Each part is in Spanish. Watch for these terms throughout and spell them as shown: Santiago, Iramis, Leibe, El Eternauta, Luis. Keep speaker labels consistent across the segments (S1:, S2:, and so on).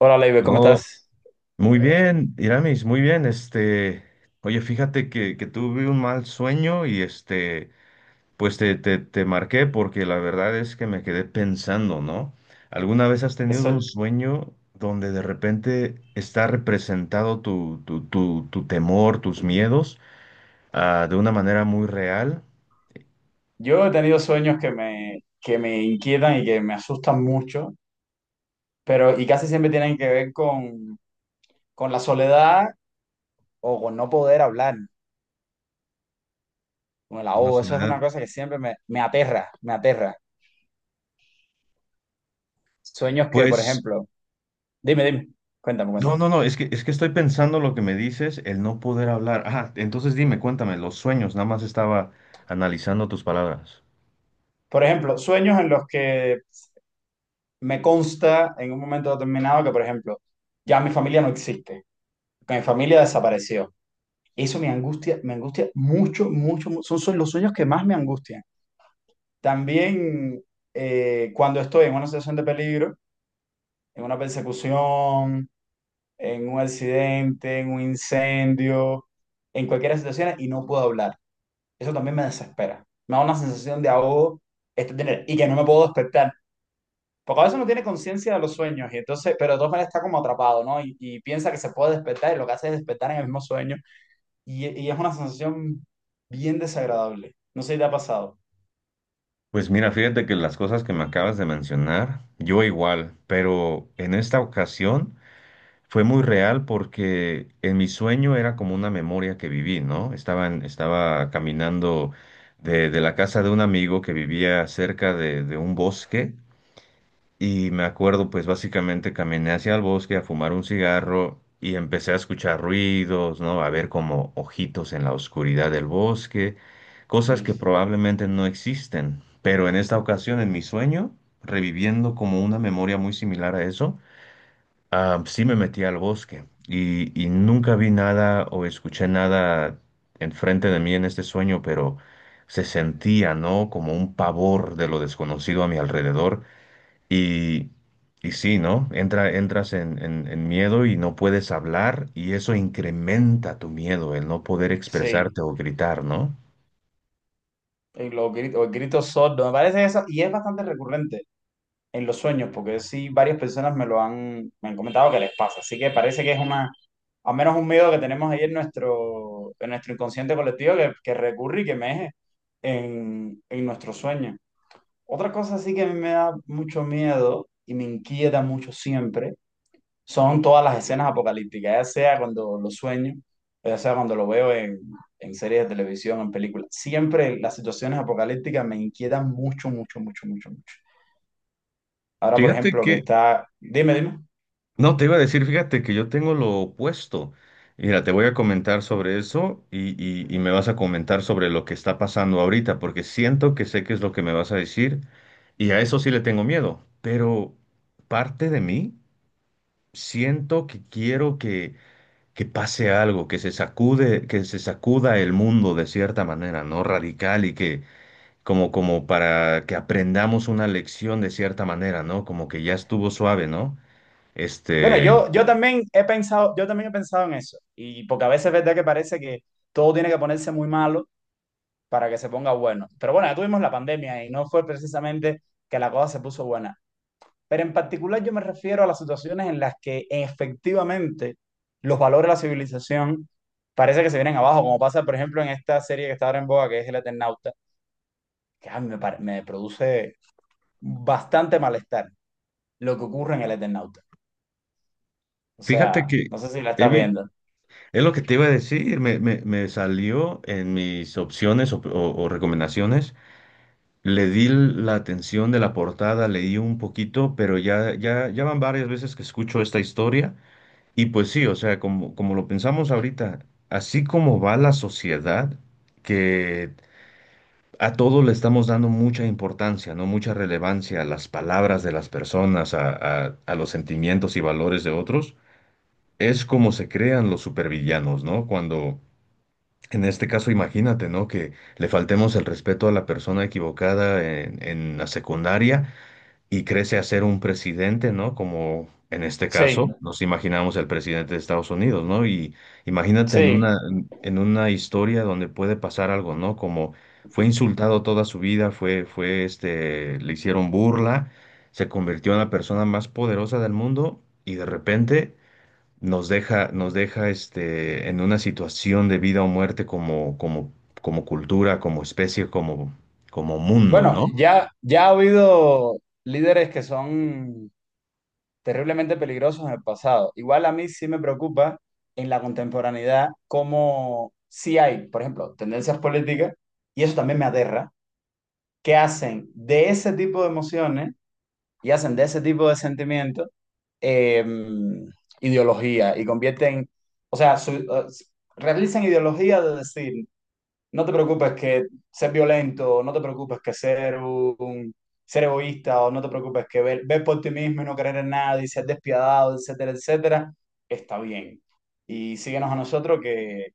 S1: Hola, Leibe, ¿cómo
S2: Oh,
S1: estás?
S2: muy bien, Iramis, muy bien. Oye, fíjate que tuve un mal sueño y pues te marqué porque la verdad es que me quedé pensando, ¿no? ¿Alguna vez has
S1: Que
S2: tenido un
S1: soy-
S2: sueño donde de repente está representado tu temor, tus miedos, de una manera muy real
S1: Yo he tenido sueños que me inquietan y que me asustan mucho, pero y casi siempre tienen que ver con la soledad, o con no poder hablar, con el
S2: con la
S1: ahogo. Eso es
S2: soledad?
S1: una cosa que siempre me aterra, me aterra. Sueños que, por
S2: Pues.
S1: ejemplo, dime, dime, cuéntame,
S2: No,
S1: cuéntame.
S2: no, no, es que estoy pensando lo que me dices, el no poder hablar. Ah, entonces dime, cuéntame, los sueños, nada más estaba analizando tus palabras.
S1: Por ejemplo, sueños en los que me consta en un momento determinado que, por ejemplo, ya mi familia no existe, que mi familia desapareció. Eso me angustia mucho, mucho. Son los sueños que más me angustian. También cuando estoy en una situación de peligro, en una persecución, en un accidente, en un incendio, en cualquier situación y no puedo hablar. Eso también me desespera. Me da una sensación de ahogo, tener y que no me puedo despertar. Porque a veces uno tiene conciencia de los sueños y entonces, pero de todas maneras está como atrapado, ¿no? Y piensa que se puede despertar, y lo que hace es despertar en el mismo sueño, y es una sensación bien desagradable. No sé si te ha pasado.
S2: Pues mira, fíjate que las cosas que me acabas de mencionar, yo igual, pero en esta ocasión fue muy real porque en mi sueño era como una memoria que viví, ¿no? Estaba caminando de la casa de un amigo que vivía cerca de un bosque. Y me acuerdo, pues básicamente caminé hacia el bosque a fumar un cigarro y empecé a escuchar ruidos, ¿no? A ver como ojitos en la oscuridad del bosque, cosas que
S1: Luis.
S2: probablemente no existen. Pero en esta ocasión, en mi sueño, reviviendo como una memoria muy similar a eso, ah, sí me metí al bosque y nunca vi nada o escuché nada enfrente de mí en este sueño, pero se sentía, ¿no? Como un pavor de lo desconocido a mi alrededor y, y sí, ¿no? Entras en miedo y no puedes hablar y eso incrementa tu miedo, el no poder
S1: Sí,
S2: expresarte o gritar, ¿no?
S1: en los gritos, o el grito sordo, me parece eso, y es bastante recurrente en los sueños, porque sí, varias personas me han comentado que les pasa, así que parece que al menos un miedo que tenemos ahí en nuestro, inconsciente colectivo que recurre y que meje en nuestro sueño. Otra cosa sí que a mí me da mucho miedo y me inquieta mucho siempre son todas las escenas apocalípticas, ya sea cuando lo sueño, ya sea cuando lo veo en, series de televisión, en películas. Siempre las situaciones apocalípticas me inquietan mucho, mucho, mucho, mucho, mucho. Ahora, por
S2: Fíjate
S1: ejemplo,
S2: que
S1: Dime, dime.
S2: no, te iba a decir, fíjate que yo tengo lo opuesto. Mira, te voy a comentar sobre eso y me vas a comentar sobre lo que está pasando ahorita, porque siento que sé qué es lo que me vas a decir y a eso sí le tengo miedo, pero parte de mí siento que quiero que pase algo, que se sacude, que se sacuda el mundo de cierta manera, ¿no? Radical y que como para que aprendamos una lección de cierta manera, ¿no? Como que ya estuvo suave, ¿no?
S1: Bueno,
S2: Este,
S1: yo también he pensado, yo también he pensado en eso. Y porque a veces es verdad que parece que todo tiene que ponerse muy malo para que se ponga bueno. Pero bueno, ya tuvimos la pandemia y no fue precisamente que la cosa se puso buena. Pero en particular yo me refiero a las situaciones en las que efectivamente los valores de la civilización parece que se vienen abajo, como pasa, por ejemplo, en esta serie que está ahora en boga, que es El Eternauta, que a mí me produce bastante malestar lo que ocurre en El Eternauta. O
S2: Fíjate
S1: sea,
S2: que
S1: no sé si la
S2: he
S1: estás
S2: vi-
S1: viendo.
S2: es lo que te iba a decir, me salió en mis opciones o recomendaciones. Le di la atención de la portada, leí un poquito, pero ya van varias veces que escucho esta historia. Y pues sí, o sea, como, como lo pensamos ahorita, así como va la sociedad, que a todo le estamos dando mucha importancia, ¿no? Mucha relevancia a las palabras de las personas, a los sentimientos y valores de otros, es como se crean los supervillanos, ¿no? Cuando, en este caso, imagínate, ¿no? Que le faltemos el respeto a la persona equivocada en la secundaria y crece a ser un presidente, ¿no? Como en este caso
S1: Sí,
S2: nos imaginamos el presidente de Estados Unidos, ¿no? Y imagínate en
S1: sí.
S2: una, en una historia donde puede pasar algo, ¿no? Como fue insultado toda su vida, le hicieron burla, se convirtió en la persona más poderosa del mundo y de repente nos deja, en una situación de vida o muerte como cultura, como especie, como, como mundo,
S1: Bueno,
S2: ¿no?
S1: ya ha habido líderes que son terriblemente peligrosos en el pasado. Igual a mí sí me preocupa en la contemporaneidad cómo sí hay, por ejemplo, tendencias políticas, y eso también me aterra, que hacen de ese tipo de emociones y hacen de ese tipo de sentimientos eh, ideología, y convierten, o sea, realizan ideología de decir, no te preocupes que ser violento, no te preocupes que ser egoísta, o no te preocupes que ver por ti mismo y no creer en nada, ser despiadado, etcétera, etcétera, está bien. Y síguenos a nosotros que,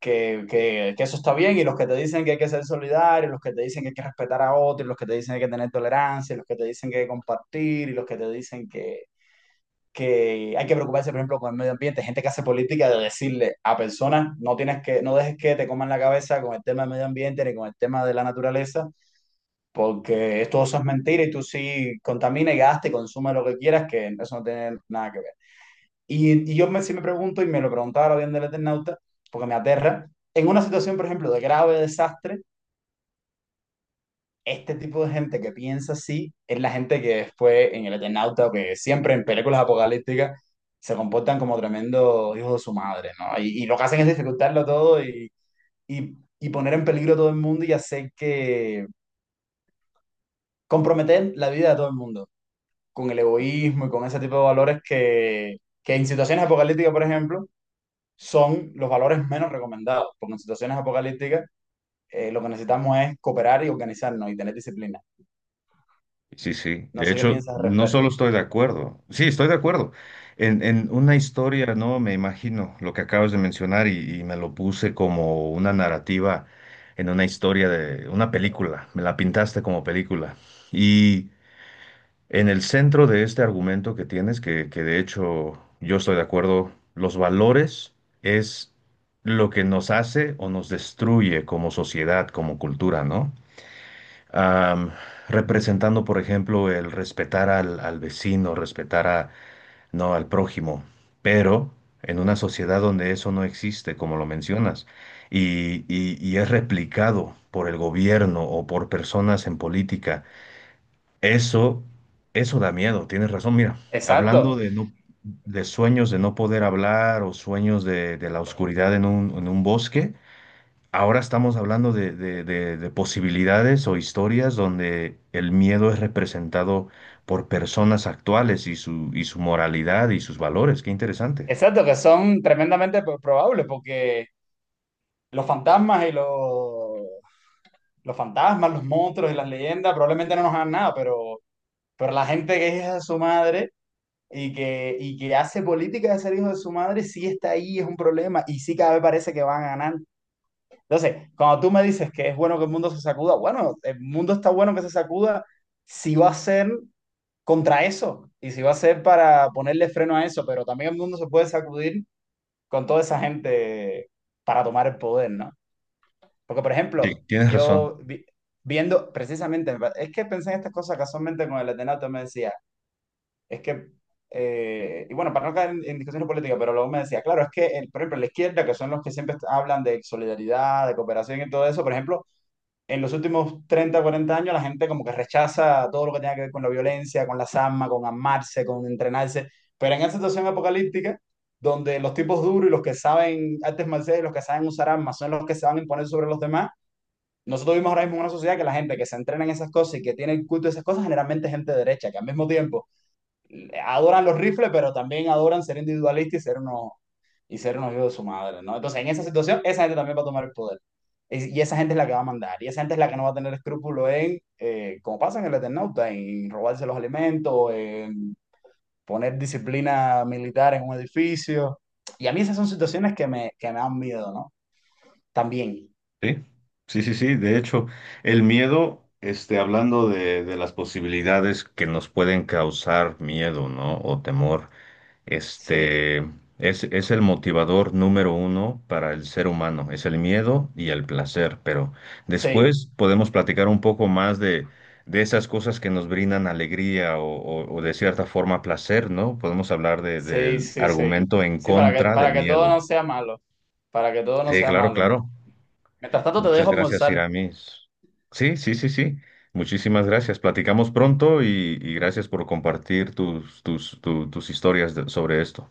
S1: que, que, que eso está bien. Y los que te dicen que hay que ser solidario, los que te dicen que hay que respetar a otros, los que te dicen que hay que tener tolerancia, los que te dicen que hay que compartir, y los que te dicen que hay que preocuparse, por ejemplo, con el medio ambiente, gente que hace política de decirle a personas, no dejes que te coman la cabeza con el tema del medio ambiente ni con el tema de la naturaleza, porque esto, eso es mentira, y tú sí contamina y gasta y consume lo que quieras, que eso no tiene nada que ver. Y sí me pregunto, y me lo preguntaba ahora bien del Eternauta, porque me aterra, en una situación, por ejemplo, de grave desastre. Este tipo de gente que piensa así es la gente que después en el Eternauta, o que siempre en películas apocalípticas, se comportan como tremendos hijos de su madre, ¿no? Y lo que hacen es dificultarlo todo, y, y poner en peligro a todo el mundo, y hacer que comprometer la vida de todo el mundo con el egoísmo y con ese tipo de valores que en situaciones apocalípticas, por ejemplo, son los valores menos recomendados, porque en situaciones apocalípticas, lo que necesitamos es cooperar y organizarnos y tener disciplina.
S2: Sí, sí.
S1: No
S2: De
S1: sé qué
S2: hecho,
S1: piensas al
S2: no solo
S1: respecto.
S2: estoy de acuerdo, sí, estoy de acuerdo. En una historia, ¿no? Me imagino lo que acabas de mencionar y me lo puse como una narrativa en una historia de una película. Me la pintaste como película. Y en el centro de este argumento que tienes, que de hecho yo estoy de acuerdo, los valores es lo que nos hace o nos destruye como sociedad, como cultura, ¿no? am, Representando, por ejemplo, el respetar al vecino, respetar a, no, al prójimo, pero en una sociedad donde eso no existe, como lo mencionas, y es replicado por el gobierno o por personas en política, eso, eso da miedo, tienes razón, mira, hablando
S1: Exacto.
S2: de no, de sueños de no poder hablar o sueños de la oscuridad en un bosque. Ahora estamos hablando de posibilidades o historias donde el miedo es representado por personas actuales y su moralidad y sus valores. Qué interesante.
S1: Exacto, que son tremendamente probables, porque los fantasmas y los fantasmas, los monstruos y las leyendas probablemente no nos hagan nada, pero la gente que es hija de su madre, y que hace política de ser hijo de su madre, sí está ahí, es un problema, y sí, cada vez parece que van a ganar. Entonces, cuando tú me dices que es bueno que el mundo se sacuda, bueno, el mundo está bueno que se sacuda si va a ser contra eso y si va a ser para ponerle freno a eso, pero también el mundo se puede sacudir con toda esa gente para tomar el poder, ¿no? Porque, por
S2: Sí,
S1: ejemplo,
S2: tienes razón.
S1: viendo precisamente, es que pensé en estas cosas casualmente con el Atenato, me decía, es que, y bueno, para no caer en discusiones políticas, pero luego me decía, claro, es que, por ejemplo, la izquierda, que son los que siempre hablan de solidaridad, de cooperación y todo eso, por ejemplo, en los últimos 30-40 años la gente como que rechaza todo lo que tenga que ver con la violencia, con las armas, con amarse, con entrenarse. Pero en esa situación apocalíptica, donde los tipos duros y los que saben artes marciales y los que saben usar armas son los que se van a imponer sobre los demás, nosotros vimos ahora mismo en una sociedad que la gente que se entrena en esas cosas y que tiene el culto de esas cosas, generalmente es gente derecha, que al mismo tiempo adoran los rifles, pero también adoran ser individualistas y y ser un hijos de su madre, ¿no? Entonces, en esa situación, esa gente también va a tomar el poder. Y esa gente es la que va a mandar, y esa gente es la que no va a tener escrúpulo como pasa en el Eternauta, en robarse los alimentos, en poner disciplina militar en un edificio. Y a mí esas son situaciones que me dan miedo, ¿no? También.
S2: Sí, sí, sí, sí. De hecho, el miedo, hablando de las posibilidades que nos pueden causar miedo, ¿no? O temor.
S1: Sí,
S2: Este es el motivador número uno para el ser humano, es el miedo y el placer, pero
S1: sí,
S2: después podemos platicar un poco más de esas cosas que nos brindan alegría o de cierta forma placer, ¿no? Podemos hablar
S1: sí,
S2: del
S1: sí, sí.
S2: argumento en
S1: Sí,
S2: contra
S1: para
S2: del
S1: que todo
S2: miedo.
S1: no sea malo, para que todo no
S2: Sí,
S1: sea
S2: claro,
S1: malo.
S2: claro.
S1: Mientras tanto, te
S2: Muchas
S1: dejo
S2: gracias,
S1: almorzar.
S2: Iramis. Sí, sí, sí, sí. Muchísimas gracias. Platicamos pronto y gracias por compartir tus historias sobre esto.